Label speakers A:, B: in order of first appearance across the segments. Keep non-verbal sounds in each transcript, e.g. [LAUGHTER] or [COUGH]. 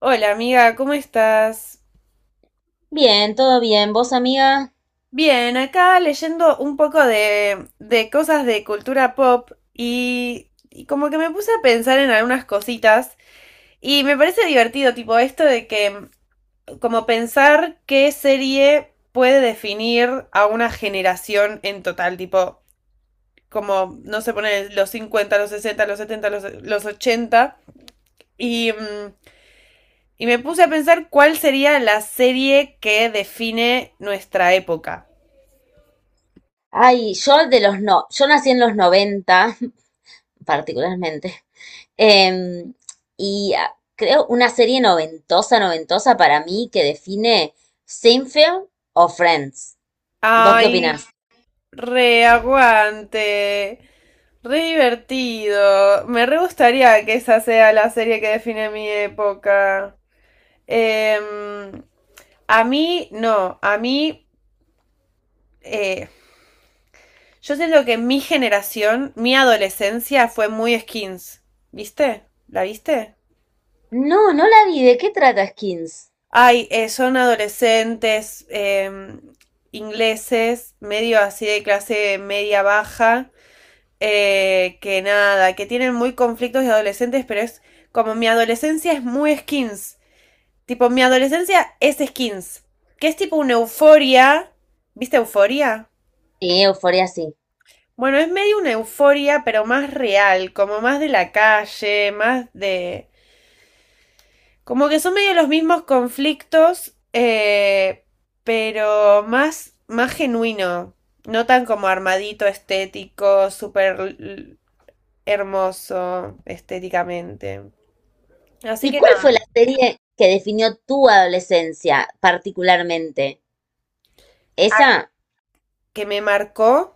A: Hola amiga, ¿cómo estás?
B: Bien, todo bien. ¿Vos, amiga?
A: Bien, acá leyendo un poco de cosas de cultura pop y como que me puse a pensar en algunas cositas y me parece divertido, tipo esto de que como pensar qué serie puede definir a una generación en total, tipo como, no se pone los 50, los 60, los 70, los 80 y... mm, y me puse a pensar cuál sería la serie que define nuestra época.
B: Ay, yo de los no, yo nací en los 90, [LAUGHS] particularmente. Em, creo una serie noventosa, noventosa para mí que define Seinfeld o Friends. ¿Vos qué
A: Ay, siempre.
B: opinás?
A: Re aguante, re divertido. Me re gustaría que esa sea la serie que define mi época. Em, a mí, no, a mí, eh, yo siento que mi generación, mi adolescencia fue muy skins. ¿Viste? ¿La viste?
B: No, no la vi. ¿De qué trata Skins?
A: Ay, son adolescentes ingleses, medio así de clase media baja, que nada, que tienen muy conflictos de adolescentes, pero es como mi adolescencia es muy skins. Tipo, mi adolescencia es skins. Que es tipo una euforia. ¿Viste euforia?
B: Sí, Euforia sí.
A: Bueno, es medio una euforia, pero más real, como más de la calle, más de... Como que son medio los mismos conflictos, pero más genuino. No tan como armadito, estético, súper hermoso estéticamente. Así
B: ¿Y
A: que
B: cuál
A: nada,
B: fue la serie que definió tu adolescencia particularmente?
A: ah,
B: ¿Esa?
A: que me marcó.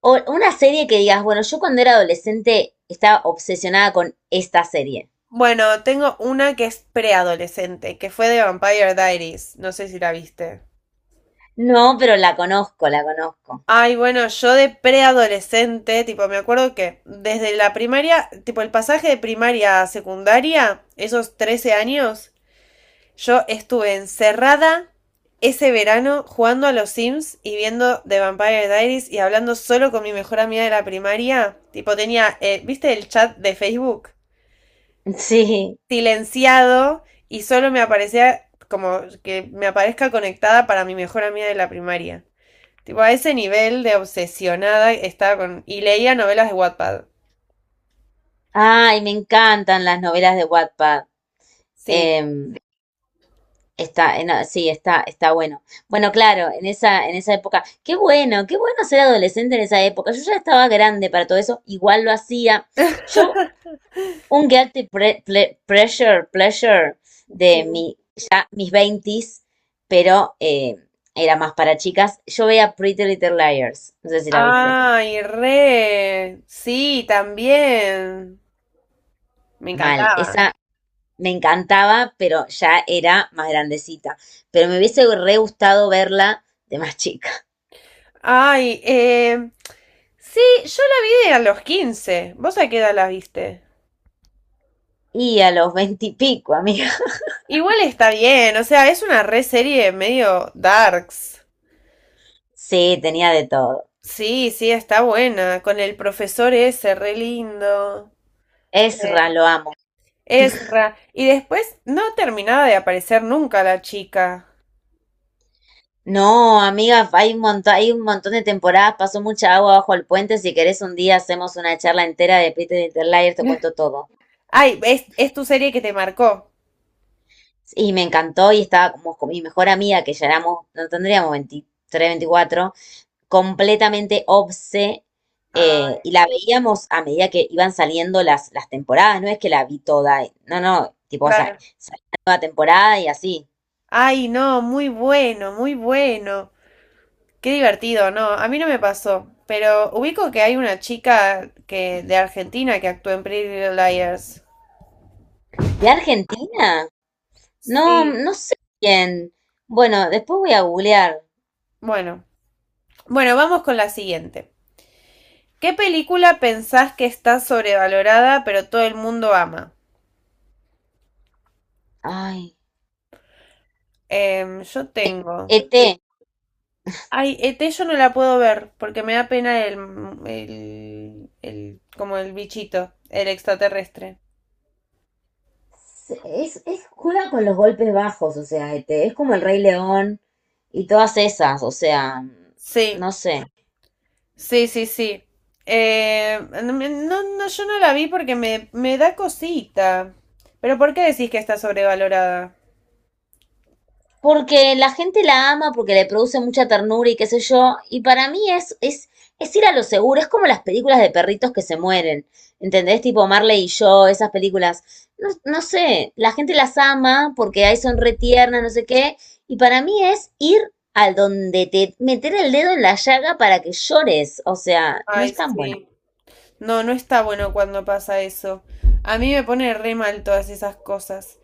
B: O una serie que digas, bueno, yo cuando era adolescente estaba obsesionada con esta serie.
A: Bueno, tengo una que es preadolescente, que fue de Vampire Diaries. No sé si la viste.
B: No, pero la conozco, la conozco.
A: Ay, bueno, yo de preadolescente, tipo, me acuerdo que desde la primaria, tipo, el pasaje de primaria a secundaria, esos 13 años, yo estuve encerrada ese verano jugando a los Sims y viendo The Vampire Diaries y hablando solo con mi mejor amiga de la primaria. Tipo, tenía, ¿viste el chat de Facebook?
B: Sí.
A: Silenciado y solo me aparecía como que me aparezca conectada para mi mejor amiga de la primaria. Tipo, a ese nivel de obsesionada estaba con... Y leía novelas de Wattpad.
B: Ay, me encantan las novelas de Wattpad.
A: Sí.
B: Em, no, sí, está bueno. Bueno, claro, en esa época. Qué bueno ser adolescente en esa época. Yo ya estaba grande para todo eso, igual lo hacía. Yo,
A: [LAUGHS]
B: un guilty pleasure
A: Sí.
B: de mi, ya mis veintis, pero era más para chicas. Yo veía Pretty Little Liars. No sé si la viste.
A: Ay, re. Sí, también. Me
B: Mal.
A: encantaba.
B: Esa me encantaba, pero ya era más grandecita. Pero me hubiese re gustado verla de más chica.
A: Ay, eh... Sí, yo la vi de a los 15. ¿Vos a qué edad la viste?
B: Y a los veintipico, amiga. [LAUGHS]
A: Igual está bien, o sea, es una re serie medio darks.
B: Sí, tenía de todo.
A: Sí, sí, está buena, con el profesor ese, re lindo.
B: Ezra,
A: Eh,
B: lo amo.
A: Ezra. Y después no terminaba de aparecer nunca la chica.
B: No, amiga, hay un montón de temporadas, pasó mucha agua bajo el puente. Si querés un día hacemos una charla entera de Peter Interlayer, te cuento
A: [LAUGHS]
B: todo.
A: Ay, es tu serie que te marcó.
B: Y me encantó y estaba como con mi mejor amiga, que ya éramos, no tendríamos 23 24 completamente obse
A: Ah,
B: y la veíamos a medida que iban saliendo las temporadas, no es que la vi toda, no, tipo, o sea,
A: claro.
B: salió la nueva temporada y así.
A: Ay, no, muy bueno, muy bueno. Qué divertido, no, a mí no me pasó. Pero ubico que hay una chica que, de Argentina, que actuó en Pretty Little Liars.
B: ¿De Argentina? No,
A: Sí.
B: no sé quién. Bueno, después voy a googlear.
A: Bueno, bueno, vamos con la siguiente. ¿Qué película pensás que está sobrevalorada pero todo el mundo ama?
B: Ay,
A: Yo tengo.
B: ET.
A: Ay, ET yo no la puedo ver porque me da pena como el bichito, el extraterrestre.
B: Es, juega con los golpes bajos, o sea, este, es como el Rey León. Y todas esas, o sea,
A: Sí,
B: no sé.
A: sí, sí, sí. No, no, no, yo no la vi porque me da cosita. Pero ¿por qué decís que está sobrevalorada?
B: Porque la gente la ama, porque le produce mucha ternura y qué sé yo. Y para mí es ir a lo seguro. Es como las películas de perritos que se mueren. ¿Entendés? Tipo Marley y yo, esas películas. No, no sé, la gente las ama porque ahí son re tiernas, no sé qué. Y para mí es ir al donde te meter el dedo en la llaga para que llores. O sea, no
A: Ay,
B: es tan buena.
A: sí. No, no está bueno cuando pasa eso. A mí me pone re mal todas esas cosas.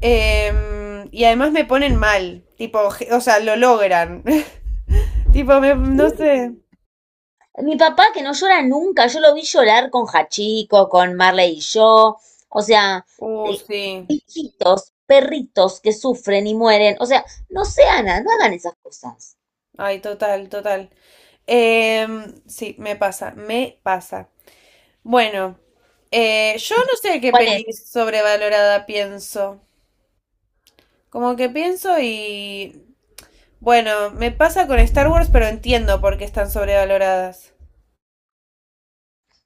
A: Y además me ponen mal, tipo, o sea, lo logran. [LAUGHS] Tipo, no sé.
B: Sí, mi papá que no llora nunca, yo lo vi llorar con Hachiko, con Marley y yo, o sea, eh,
A: Sí.
B: hijitos, perritos que sufren y mueren, o sea, no sean, no hagan esas cosas.
A: Ay, total, total. Sí, me pasa. Bueno, yo no sé qué
B: ¿Cuál es?
A: peli sobrevalorada pienso. Como que pienso y... Bueno, me pasa con Star Wars, pero entiendo por qué están sobrevaloradas.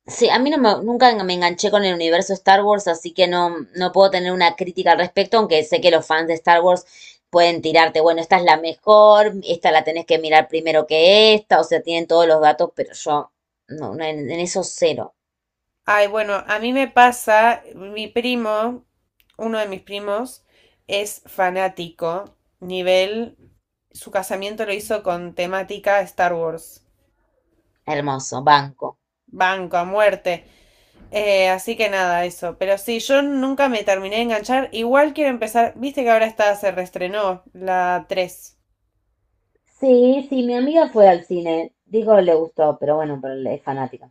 B: Sí, a mí no me- nunca me enganché con el universo Star Wars, así que no, no puedo tener una crítica al respecto, aunque sé que los fans de Star Wars pueden tirarte, bueno, esta es la mejor, esta la tenés que mirar primero que esta, o sea, tienen todos los datos, pero yo, no, no, en eso cero.
A: Ay, bueno, a mí me pasa, mi primo, uno de mis primos, es fanático, nivel, su casamiento lo hizo con temática Star Wars,
B: Hermoso, banco.
A: banco a muerte. Así que nada, eso, pero sí, yo nunca me terminé de enganchar, igual quiero empezar, viste que ahora está, se reestrenó la 3.
B: Sí, sí, mi amiga fue al cine. Digo, le gustó, pero bueno, pero es fanática.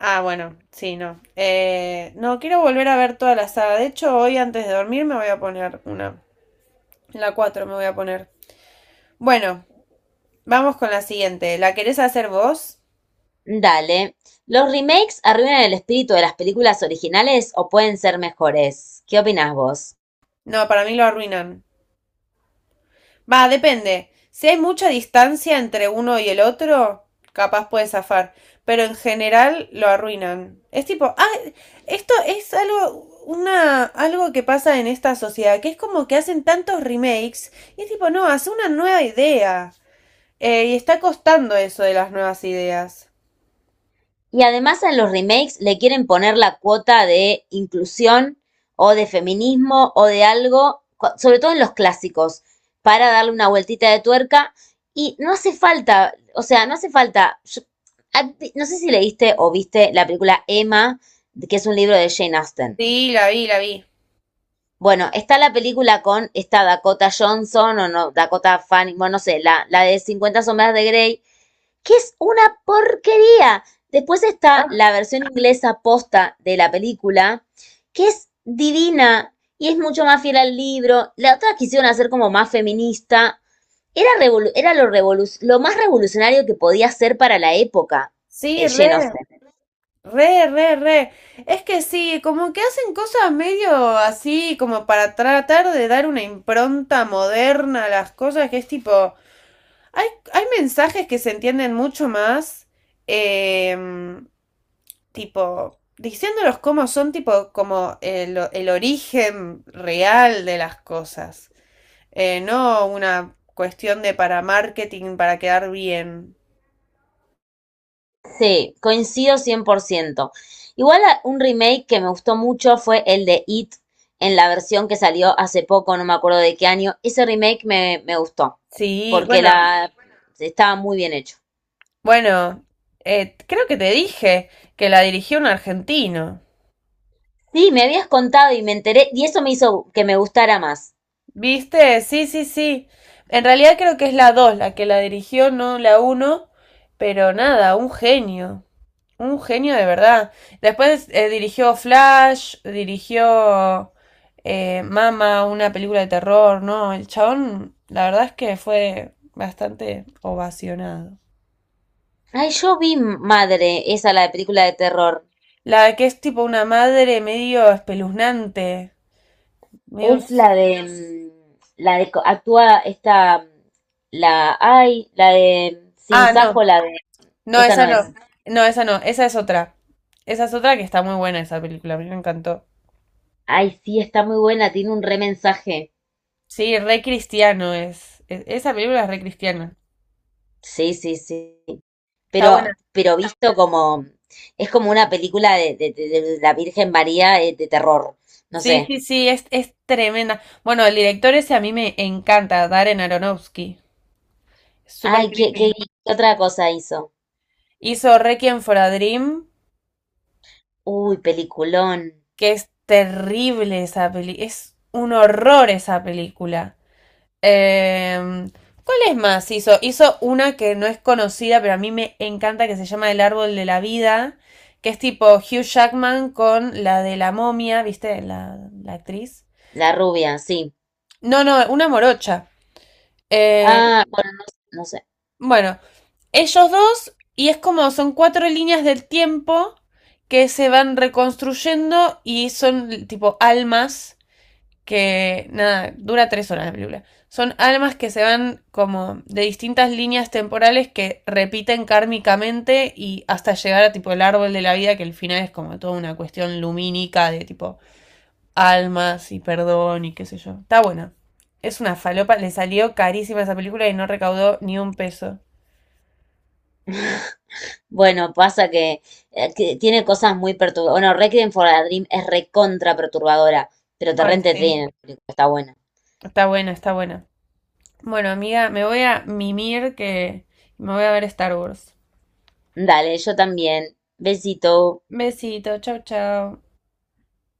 A: Ah, bueno, sí, no. No, quiero volver a ver toda la saga. De hecho, hoy antes de dormir me voy a poner una. La 4 me voy a poner. Bueno, vamos con la siguiente. ¿La querés hacer vos?
B: Dale. ¿Los remakes arruinan el espíritu de las películas originales o pueden ser mejores? ¿Qué opinás vos?
A: No, para mí lo arruinan. Va, depende. Si hay mucha distancia entre uno y el otro, capaz puede zafar. Pero en general lo arruinan. Es tipo, ah, esto es algo, algo que pasa en esta sociedad, que es como que hacen tantos remakes y es tipo, no, hace una nueva idea. Y está costando eso de las nuevas ideas.
B: Y además a los remakes le quieren poner la cuota de inclusión o de feminismo o de algo, sobre todo en los clásicos, para darle una vueltita de tuerca. Y no hace falta, o sea, no hace falta. Yo- no sé si leíste o viste la película Emma, que es un libro de Jane Austen.
A: Sí, la vi, la vi.
B: Bueno, está la película con esta Dakota Johnson o no, Dakota Fanning, bueno, no sé, la de Cincuenta sombras de Grey, que es una porquería. Después está la
A: Ah,
B: versión inglesa posta de la película, que es divina y es mucho más fiel al libro. La otra quisieron hacer como más feminista. Era, revolu- era lo, revolu- lo más revolucionario que podía ser para la época,
A: sí,
B: Jane
A: re. Re, re, re. Es que sí, como que hacen cosas medio así, como para tratar de dar una impronta moderna a las cosas, que es tipo, hay, hay mensajes que se entienden mucho más, em, tipo, diciéndolos cómo son, tipo, como el origen real de las cosas. No una cuestión de para marketing, para quedar bien.
B: sí, coincido 100%. Igual a- un remake que me gustó mucho fue el de It en la versión que salió hace poco, no me acuerdo de qué año. Ese remake me gustó
A: Sí,
B: porque
A: bueno.
B: la estaba muy bien hecho.
A: Bueno, creo que te dije que la dirigió un argentino.
B: Sí, me habías contado y me enteré y eso me hizo que me gustara más.
A: ¿Viste? Sí, sí, sí. En realidad creo que es la 2, la que la dirigió, no la uno. Pero nada, un genio. Un genio de verdad. Después dirigió Flash, dirigió Mama, una película de terror, ¿no? El chabón, la verdad es que fue bastante ovacionado.
B: Ay, yo vi Madre, esa la de película de terror.
A: La que es tipo una madre medio espeluznante. Medio...
B: Es la de la de co- actúa esta la ay, la de
A: ah,
B: Sinsajo,
A: no.
B: la de
A: No,
B: esa no
A: esa
B: es.
A: no. No, esa no. Esa es otra. Esa es otra que está muy buena esa película. A mí me encantó.
B: Ay, sí, está muy buena, tiene un re mensaje.
A: Sí, re cristiano esa película es re cristiana.
B: Sí, sí, sí.
A: Está
B: Pero,
A: buena.
B: pero visto como, es como una película de la Virgen María de terror. No
A: Sí,
B: sé.
A: sí, sí, es tremenda. Bueno, el director ese a mí me encanta, Darren Aronofsky. Súper
B: Ay, ¿qué, qué,
A: creepy.
B: qué otra cosa hizo?
A: Hizo Requiem for a Dream,
B: Uy, peliculón.
A: que es terrible esa peli. Es un horror esa película. Eh, ¿Cuál es más? Hizo una que no es conocida, pero a mí me encanta, que se llama El Árbol de la Vida, que es tipo Hugh Jackman con la de la momia, ¿viste? La actriz.
B: La rubia, sí.
A: No, no, una morocha. Eh,
B: Ah, bueno, no sé.
A: bueno, ellos dos, y es como son cuatro líneas del tiempo que se van reconstruyendo y son tipo almas que nada, dura 3 horas la película. Son almas que se van como de distintas líneas temporales que repiten kármicamente y hasta llegar a tipo el árbol de la vida, que el final es como toda una cuestión lumínica de tipo almas y perdón y qué sé yo. Está buena. Es una falopa, le salió carísima esa película y no recaudó ni un peso.
B: [LAUGHS] Bueno, pasa que tiene cosas muy perturbadoras. Bueno, Requiem for a Dream es recontra perturbadora, pero te
A: Ay,
B: rente
A: sí.
B: tiene, está buena.
A: Está buena, está buena. Bueno, amiga, me voy a mimir que me voy a ver Star Wars.
B: Dale, yo también. Besito.
A: Besito, chau, chau.